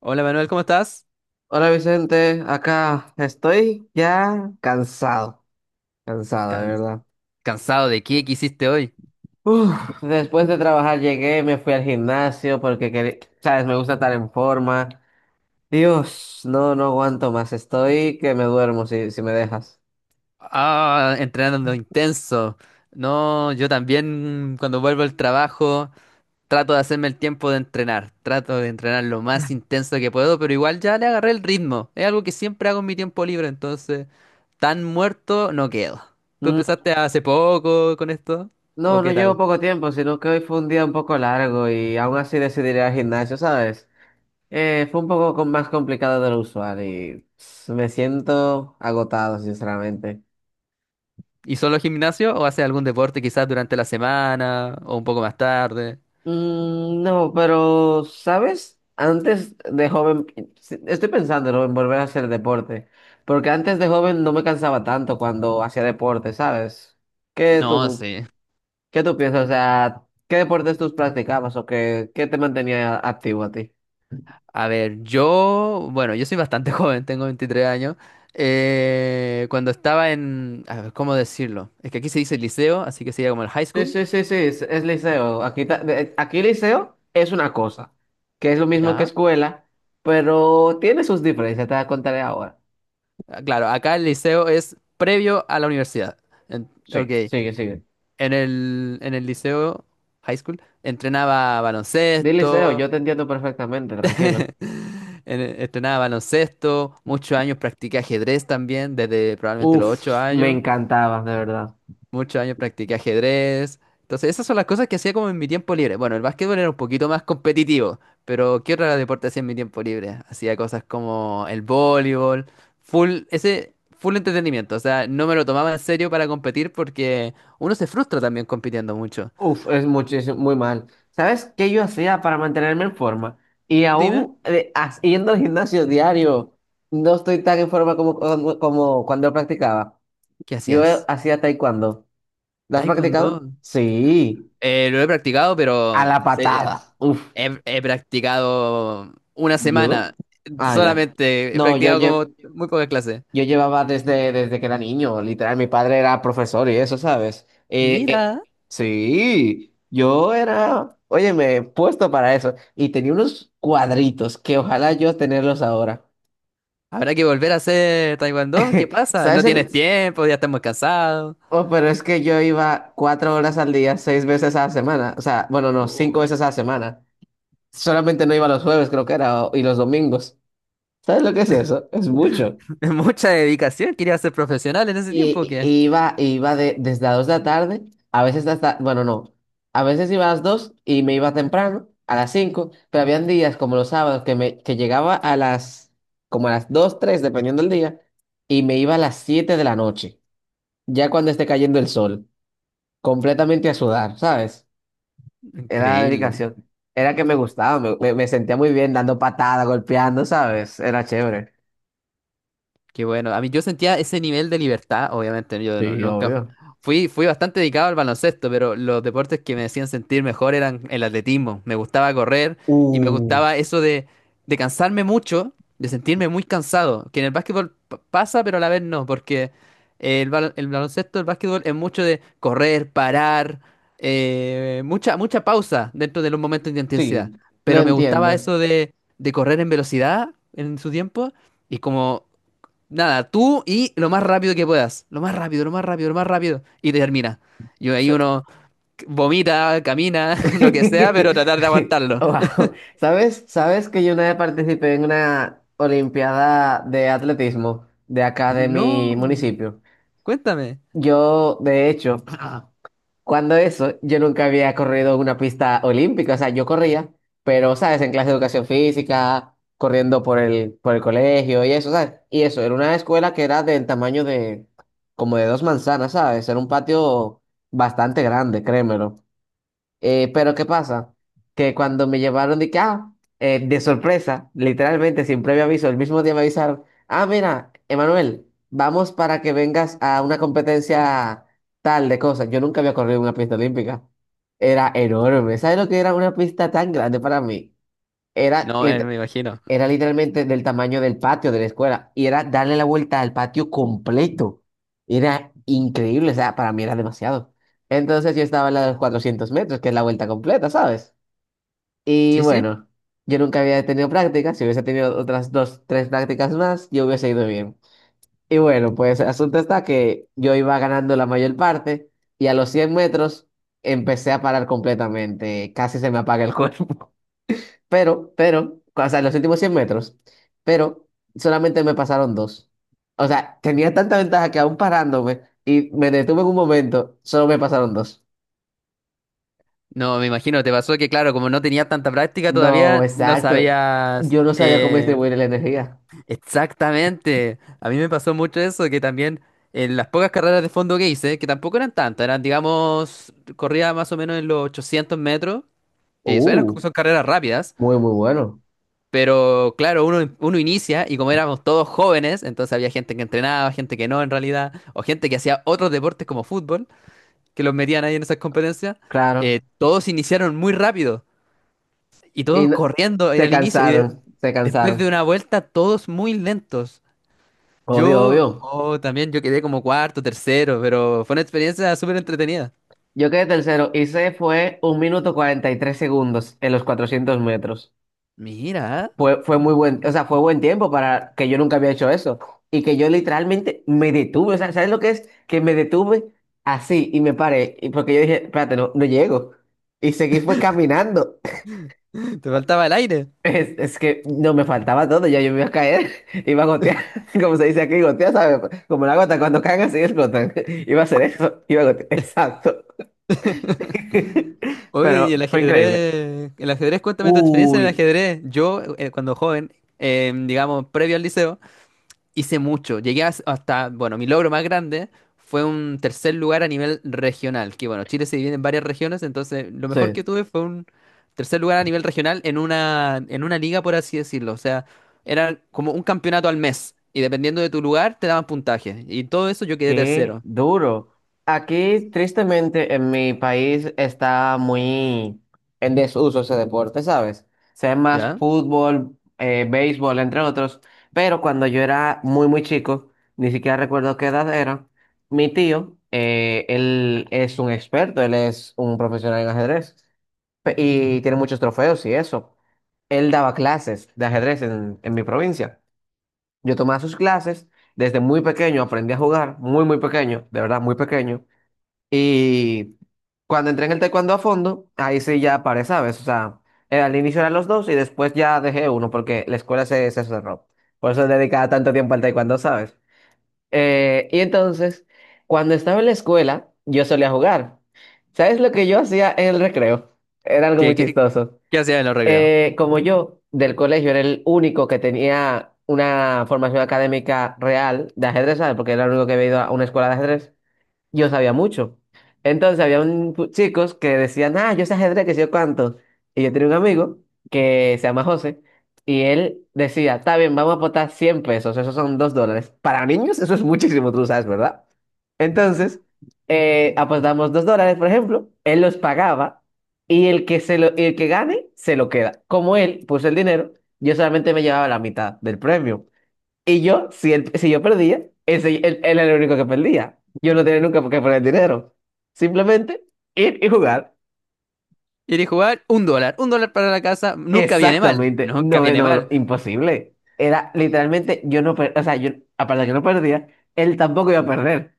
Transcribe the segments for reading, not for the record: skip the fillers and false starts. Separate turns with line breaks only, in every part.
Hola Manuel, ¿cómo estás?
Hola Vicente, acá estoy ya cansado, cansado de
Can-
verdad.
¿Cansado de qué? ¿Qué hiciste hoy?
Uf, después de trabajar llegué, me fui al gimnasio porque, sabes, me gusta estar en forma. Dios, no, no aguanto más, estoy que me duermo si me dejas.
Ah, entrenando intenso. No, yo también cuando vuelvo al trabajo trato de hacerme el tiempo de entrenar. Trato de entrenar lo más intenso que puedo, pero igual ya le agarré el ritmo. Es algo que siempre hago en mi tiempo libre, entonces tan muerto no quedo. ¿Tú
Mm,
empezaste hace poco con esto? ¿O
No, no
qué
llevo
tal?
poco tiempo, sino que hoy fue un día un poco largo y aún así decidí ir al gimnasio, ¿sabes? Fue un poco más complicado de lo usual y me siento agotado, sinceramente.
¿Y solo gimnasio o haces algún deporte quizás durante la semana o un poco más tarde?
No, pero, ¿sabes? Antes de joven, sí, estoy pensándolo en volver a hacer deporte, porque antes de joven no me cansaba tanto cuando hacía deporte, ¿sabes? ¿Qué
No,
tú,
sí.
qué tú piensas? O sea, ¿qué deportes tú practicabas o qué te mantenía activo a ti?
A ver, yo, bueno, yo soy bastante joven, tengo 23 años. Cuando estaba en, a ver, ¿cómo decirlo? Es que aquí se dice liceo, así que sería como el high
Sí,
school.
sí, sí, sí, es liceo. Aquí, aquí liceo es una cosa, que es lo mismo que
Ya.
escuela, pero tiene sus diferencias, te las contaré ahora.
Ah, claro, acá el liceo es previo a la universidad. En- ok,
Sí, sigue, sigue.
en el liceo, high school, entrenaba
Di liceo,
baloncesto.
yo te entiendo perfectamente, tranquilo.
Entrenaba baloncesto, muchos años practiqué ajedrez también, desde probablemente los 8
Uf, me
años.
encantaba, de verdad.
Muchos años practiqué ajedrez. Entonces, esas son las cosas que hacía como en mi tiempo libre. Bueno, el básquetbol era un poquito más competitivo, pero ¿qué otro deporte hacía en mi tiempo libre? Hacía cosas como el voleibol, full, ese full entretenimiento. O sea, no me lo tomaba en serio para competir porque uno se frustra también compitiendo mucho.
Uf, es muchísimo, muy mal. ¿Sabes qué yo hacía para mantenerme en forma? Y
Dime,
aún haciendo el gimnasio diario, no estoy tan en forma como cuando practicaba.
¿qué
Yo
hacías?
hacía taekwondo. ¿Lo has
Taekwondo.
practicado? Sí,
Lo he practicado,
a
pero
la
eh,
patada. Uf,
he practicado una
¿judo?
semana.
Ah, ya.
Solamente he
No, yo
practicado
llevo.
como muy pocas clases.
Yo llevaba desde que era niño, literal, mi padre era profesor y eso, ¿sabes?
Mira.
Sí, yo era, oye, me he puesto para eso y tenía unos cuadritos que ojalá yo tenerlos ahora.
Habrá que volver a hacer taekwondo. ¿Qué pasa? No
¿Sabes el...?
tienes tiempo, ya estamos cansados.
Oh, pero es que yo iba 4 horas al día, seis veces a la semana, o sea, bueno, no, cinco
Oh,
veces a la semana. Solamente no iba los jueves, creo que era, y los domingos. ¿Sabes lo que es eso? Es mucho.
es mucha dedicación. Quería ser profesional en ese tiempo, ¿o
Y,
qué?
y iba, y iba de- desde las 2 de la tarde, a veces hasta, bueno, no, a veces iba a las 2 y me iba temprano, a las 5 pero habían días como los sábados que llegaba como a las 2 3 dependiendo del día, y me iba a las 7 de la noche, ya cuando esté cayendo el sol, completamente a sudar, ¿sabes? Era
Increíble.
dedicación, era que me gustaba, me sentía muy bien dando patadas, golpeando, ¿sabes? Era chévere.
Qué bueno. A mí yo sentía ese nivel de libertad, obviamente, ¿no? Yo no-
Sí,
nunca fu-
obvio.
fui, fui bastante dedicado al baloncesto, pero los deportes que me hacían sentir mejor eran el atletismo. Me gustaba correr y me
Uh,
gustaba eso de cansarme mucho, de sentirme muy cansado, que en el básquetbol pasa, pero a la vez no, porque el baloncesto, el básquetbol es mucho de correr, parar, mucha pausa dentro de los momentos de intensidad.
sí, lo
Pero me gustaba
entiendo.
eso de correr en velocidad en su tiempo. Y como nada, tú y lo más rápido que puedas. Lo más rápido, lo más rápido, lo más rápido. Y termina. Y ahí uno vomita, camina, lo que sea, pero tratar de aguantarlo.
Wow. ¿Sabes? ¿Sabes que yo una vez participé en una olimpiada de atletismo de acá de mi
No,
municipio?
cuéntame.
Yo, de hecho, cuando eso, yo nunca había corrido una pista olímpica, o sea, yo corría, pero, ¿sabes? En clase de educación física, corriendo por el colegio y eso, ¿sabes? Y eso, era una escuela que era del tamaño de, como de dos manzanas, ¿sabes? Era un patio bastante grande, créemelo. Pero ¿qué pasa? Que cuando me llevaron de que, ah, de sorpresa, literalmente sin previo aviso, el mismo día me avisaron, ah, mira, Emanuel, vamos para que vengas a una competencia tal de cosas. Yo nunca había corrido en una pista olímpica. Era enorme. ¿Sabes lo que era una pista tan grande para mí? Era,
No,
lit-
me imagino.
era literalmente del tamaño del patio de la escuela y era darle la vuelta al patio completo. Era increíble, o sea, para mí era demasiado. Entonces yo estaba en la de los 400 metros, que es la vuelta completa, ¿sabes? Y
Sí, sí.
bueno, yo nunca había tenido prácticas, si hubiese tenido otras dos, tres prácticas más, yo hubiese ido bien. Y bueno, pues el asunto está que yo iba ganando la mayor parte y a los 100 metros empecé a parar completamente, casi se me apaga el cuerpo. O sea, los últimos 100 metros, pero solamente me pasaron dos. O sea, tenía tanta ventaja que aún parándome y me detuve en un momento, solo me pasaron dos.
No, me imagino. Te pasó que, claro, como no tenías tanta práctica
No,
todavía, no
exacto.
sabías
Yo no sabía cómo distribuir la energía.
exactamente. A mí me pasó mucho eso, que también en las pocas carreras de fondo que hice, que tampoco eran tantas, eran, digamos, corría más o menos en los 800 metros. Sí, son,
Uh,
son carreras rápidas,
muy, muy bueno.
pero claro, uno inicia y como éramos todos jóvenes, entonces había gente que entrenaba, gente que no en realidad, o gente que hacía otros deportes como fútbol, que los metían ahí en esas competencias.
Claro.
Todos iniciaron muy rápido y
Y
todos corriendo en
se
el inicio y
cansaron, se
después de
cansaron.
una vuelta todos muy lentos.
Obvio,
Yo
obvio.
oh, también yo quedé como cuarto, tercero, pero fue una experiencia súper entretenida.
Yo quedé tercero y se fue 1 minuto 43 segundos en los 400 metros.
Mira.
Fue muy buen, o sea, fue buen tiempo para que yo nunca había hecho eso y que yo literalmente me detuve, o sea, ¿sabes lo que es? Que me detuve así y me paré, y porque yo dije, espérate, no, no llego. Y seguí fue caminando.
Te faltaba el aire.
Es que no me faltaba todo, ya yo me iba a caer, iba a gotear, como se dice aquí, gotear, ¿sabes? Como la gota, cuando caen así explotan. Iba a hacer eso, iba a gotear, exacto.
Oye,
Pero
y
fue increíble.
el ajedrez, cuéntame tu experiencia en el
Uy,
ajedrez. Yo, cuando joven, digamos, previo al liceo, hice mucho. Llegué hasta, bueno, mi logro más grande fue un tercer lugar a nivel regional, que bueno, Chile se divide en varias regiones, entonces lo mejor que
sí.
tuve fue un tercer lugar a nivel regional en una liga, por así decirlo. O sea, era como un campeonato al mes, y dependiendo de tu lugar, te daban puntaje. Y todo eso yo quedé
Qué
tercero.
duro. Aquí, tristemente, en mi país está muy en desuso ese deporte, ¿sabes? Se ve más
¿Ya?
fútbol, béisbol, entre otros. Pero cuando yo era muy, muy chico, ni siquiera recuerdo qué edad era, mi tío, él es un experto, él es un profesional en ajedrez y tiene muchos trofeos y eso. Él daba clases de ajedrez en mi provincia. Yo tomaba sus clases, desde muy pequeño aprendí a jugar, muy, muy pequeño, de verdad, muy pequeño. Y cuando entré en el taekwondo a fondo, ahí sí ya paré, ¿sabes? O sea, al inicio eran los dos y después ya dejé uno porque la escuela se cerró. Por eso dedicaba tanto tiempo al taekwondo, ¿sabes? Y entonces, cuando estaba en la escuela, yo solía jugar. ¿Sabes lo que yo hacía en el recreo? Era algo muy
¿Qué, qué,
chistoso.
qué hacía en los recreos?
Como yo del colegio era el único que tenía una formación académica real de ajedrez, ¿sabes? Porque era el único que había ido a una escuela de ajedrez yo sabía mucho. Entonces había un chicos que decían, ah, yo sé ajedrez, que sé yo cuánto. Y yo tenía un amigo que se llama José, y él decía, está bien, vamos a aportar 100 pesos, esos son $2. Para niños eso es muchísimo, tú lo sabes, ¿verdad? Entonces, apostamos $2, por ejemplo, él los pagaba, y el que, se lo, y el que gane se lo queda. Como él puso el dinero, yo solamente me llevaba la mitad del premio. Y yo, si, si yo perdía, ese, él era el único que perdía. Yo no tenía nunca por qué poner dinero. Simplemente ir y jugar.
¿Quieres jugar? Un dólar. Un dólar para la casa. Nunca viene mal.
Exactamente.
Nunca
No,
viene
no, no,
mal.
imposible. Era literalmente, yo no, o sea, yo, aparte de que no perdía, él tampoco iba a perder.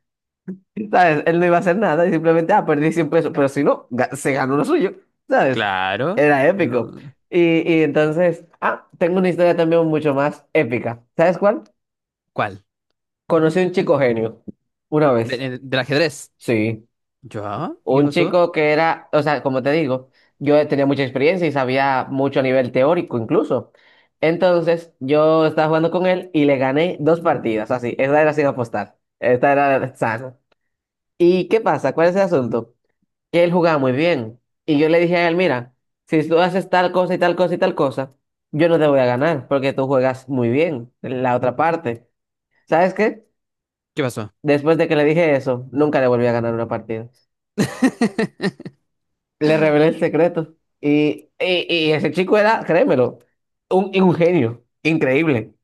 ¿Sabes? Él no iba a hacer nada y simplemente, ah, perdí 100 pesos. Pero si no, se ganó lo suyo. ¿Sabes?
Claro.
Era épico.
No.
Y, y entonces, ah, tengo una historia también mucho más épica. ¿Sabes cuál?
¿Cuál?
Conocí a un chico genio. Una
De-
vez.
de- del ajedrez.
Sí.
¿Yo? ¿Y qué
Un
pasó?
chico que era, o sea, como te digo, yo tenía mucha experiencia y sabía mucho a nivel teórico incluso. Entonces, yo estaba jugando con él y le gané dos partidas, así, esta era sin apostar, esta era sana. ¿Y qué pasa? ¿Cuál es el asunto? Que él jugaba muy bien y yo le dije a él, mira, si tú haces tal cosa y tal cosa y tal cosa, yo no te voy a ganar porque tú juegas muy bien en la otra parte. ¿Sabes qué?
¿Qué pasó?
Después de que le dije eso, nunca le volví a ganar una partida. Le revelé el secreto. Y ese chico era, créemelo, un genio, increíble.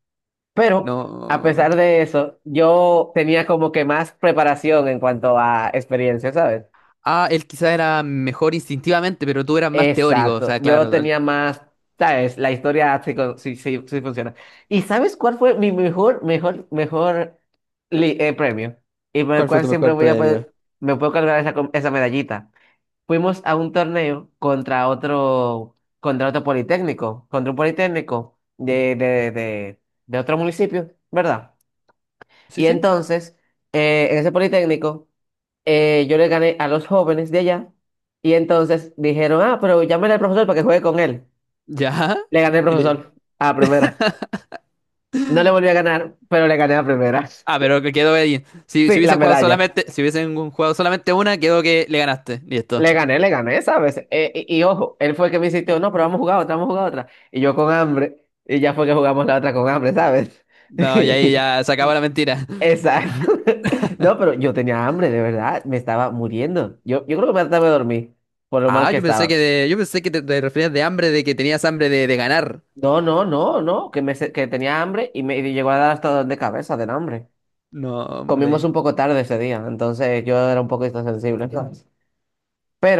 Pero a
No.
pesar de eso, yo tenía como que más preparación en cuanto a experiencia, ¿sabes?
Ah, él quizá era mejor instintivamente, pero tú eras más teórico. O
Exacto,
sea, claro.
yo tenía más, ¿sabes? La historia sí, sí, sí, sí funciona. ¿Y sabes cuál fue mi mejor, mejor, mejor premio? Y por el
¿Cuál fue
cual
tu
siempre
mejor
voy a
premio?
poder, me puedo cargar esa, esa medallita. Fuimos a un torneo contra otro politécnico, contra un politécnico de otro municipio, ¿verdad?
Sí,
Y
sí.
entonces, en ese politécnico, yo le gané a los jóvenes de allá, y entonces dijeron, ah, pero llámale al profesor para que juegue con él.
¿Ya?
Le gané al
Mire.
profesor a la primera. No le volví a ganar, pero le gané a la primera.
Ah, pero que quedó ahí. Si
Sí, la
hubiesen jugado
medalla.
solamente, si hubiesen jugado solamente una, quedó que le ganaste. Listo.
Le gané, ¿sabes? Y ojo, él fue el que me insistió, no, pero vamos a jugar otra, vamos a jugar otra. Y yo con hambre, y ya fue que jugamos la otra con hambre, ¿sabes?
No, y ahí ya se acabó la mentira.
Exacto. No, pero yo tenía hambre, de verdad, me estaba muriendo. Yo creo que me trataba de dormir, por lo mal
Ah,
que
yo pensé que
estaba.
yo pensé que te referías de hambre, de que tenías hambre de ganar.
No, no, no, no, que, que tenía hambre y me y llegó a dar hasta dolor de cabeza del hambre.
No,
Comimos
hombre.
un poco tarde ese día, entonces yo era un poco insensible, ¿sabes?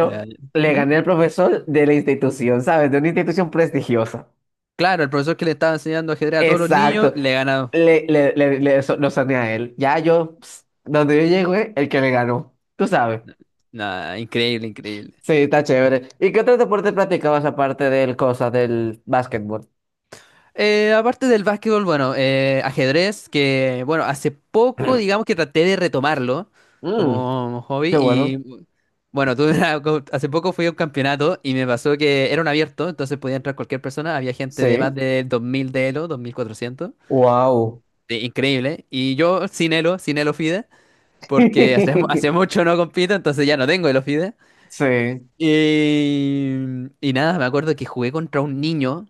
Ya, ya.
le
Ujú.
gané al profesor de la institución, ¿sabes? De una institución prestigiosa.
Claro, el profesor que le estaba enseñando ajedrez a todos los niños,
Exacto.
le he ganado.
Lo sané a él. Ya yo, donde yo llego, el que me ganó. Tú sabes.
Nada, increíble, increíble.
Sí, está chévere. ¿Y qué otro deporte practicabas aparte del cosa del básquetbol?
Aparte del básquetbol, bueno, ajedrez, que bueno, hace poco digamos que traté de retomarlo
Mm,
como hobby
qué bueno.
y bueno, hace poco fui a un campeonato y me pasó que era un abierto, entonces podía entrar cualquier persona, había gente de más
Sí.
de 2.000 de Elo, 2.400.
Wow.
Sí, increíble. Y yo sin Elo, sin Elo Fide, porque hace mucho no compito, entonces ya no tengo Elo Fide.
Sí.
Y, y nada, me acuerdo que jugué contra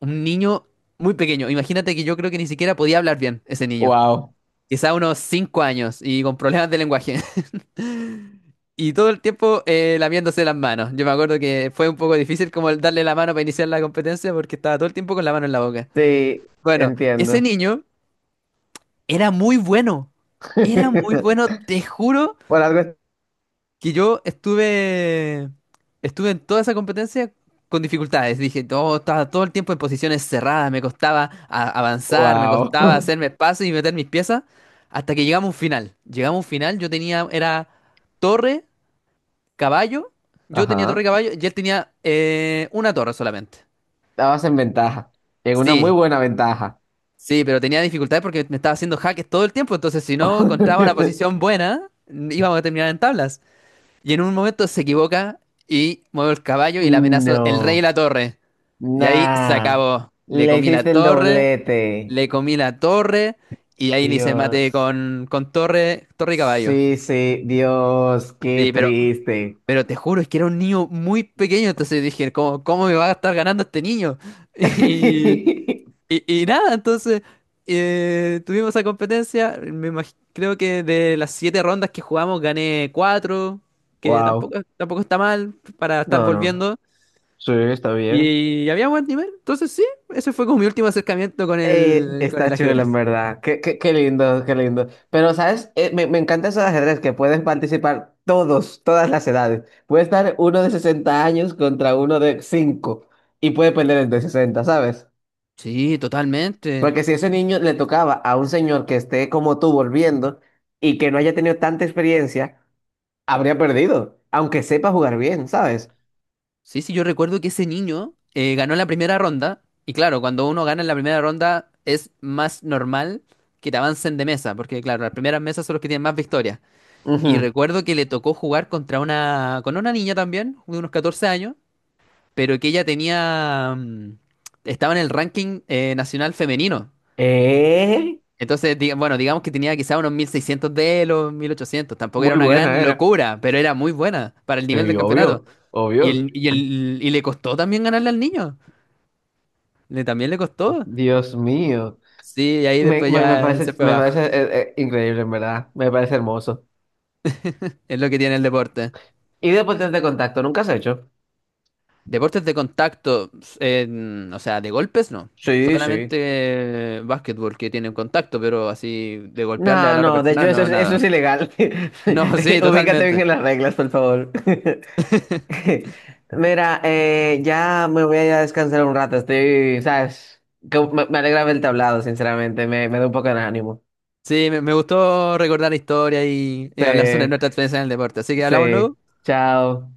un niño muy pequeño. Imagínate que yo creo que ni siquiera podía hablar bien ese niño.
Wow.
Quizá unos 5 años y con problemas de lenguaje. Y todo el tiempo lamiéndose las manos. Yo me acuerdo que fue un poco difícil como el darle la mano para iniciar la competencia porque estaba todo el tiempo con la mano en la boca.
Sí,
Bueno, ese
entiendo.
niño era muy bueno. Era muy bueno. Te juro
Por algo.
que yo estuve. Estuve en toda esa competencia con dificultades. Dije, todo, estaba todo el tiempo en posiciones cerradas. Me costaba avanzar, me
Wow.
costaba hacerme espacio y meter mis piezas. Hasta que llegamos a un final. Llegamos a un final. Yo tenía. Era torre, caballo. Yo tenía torre y
Ajá.
caballo. Y él tenía una torre solamente.
Estabas en ventaja. En una muy
Sí,
buena ventaja.
sí, pero tenía dificultades porque me estaba haciendo jaques todo el tiempo, entonces si no encontraba una posición buena, íbamos a terminar en tablas. Y en un momento se equivoca y muevo el caballo y le amenazo el rey y
No.
la torre. Y ahí se
Nah,
acabó. Le
le
comí la
hiciste el
torre,
doblete.
le comí la torre y ahí le hice mate
Dios.
con torre, torre y caballo.
Sí, sí, Dios, qué
Sí, pero,
triste.
pero te juro, es que era un niño muy pequeño, entonces dije, ¿cómo me va a estar ganando este niño? Y, y nada, entonces tuvimos esa competencia. Creo que de las siete rondas que jugamos gané cuatro, que
Wow.
tampoco está mal para estar
No, no.
volviendo.
Sí, está bien.
Y, había buen nivel. Entonces sí, ese fue como mi último acercamiento con el
Está chulo, en
ajedrez.
verdad. Qué, qué, qué lindo, qué lindo. Pero, ¿sabes? Me encanta eso de ajedrez, que pueden participar todos, todas las edades. Puede estar uno de 60 años contra uno de 5 y puede perder el de 60, ¿sabes?
Sí, totalmente.
Porque si ese niño le tocaba a un señor que esté como tú volviendo y que no haya tenido tanta experiencia, habría perdido, aunque sepa jugar bien, ¿sabes?
Sí, sí, yo recuerdo que ese niño ganó la primera ronda. Y claro, cuando uno gana en la primera ronda es más normal que te avancen de mesa, porque claro, las primeras mesas son los que tienen más victorias. Y
Ujú.
recuerdo que le tocó jugar contra una, con una niña también, de unos 14 años, pero que ella tenía, estaba en el ranking nacional femenino.
Eh,
Entonces, bueno, digamos que tenía quizá unos 1.600 de los 1.800. Tampoco era
muy
una
buena
gran
era.
locura, pero era muy buena para el nivel
Sí,
del campeonato.
obvio,
Y,
obvio.
el, y, el, y le costó también ganarle al niño. También le costó.
Dios mío.
Sí, y ahí
Me,
después
me, me
ya se
parece,
fue
me
abajo.
parece increíble, en verdad. Me parece hermoso.
Es lo que tiene el deporte.
¿Y deportes de este contacto nunca has hecho?
Deportes de contacto, eh, o sea, de golpes no.
Sí,
Solamente
sí.
básquetbol que tienen contacto, pero así de golpearle a
No,
la otra
no, de
persona,
hecho eso,
no,
eso es
nada.
ilegal.
No, sí,
Ubícate bien
totalmente.
en las reglas, por favor. Mira, ya me voy a ir a descansar un rato. Estoy, ¿sabes? Que me alegra haberte hablado, sinceramente. Me da un poco de ánimo.
Sí, me gustó recordar la historia y
Sí,
hablar sobre nuestra experiencia en el deporte. Así que hablamos
sí.
luego.
Chao.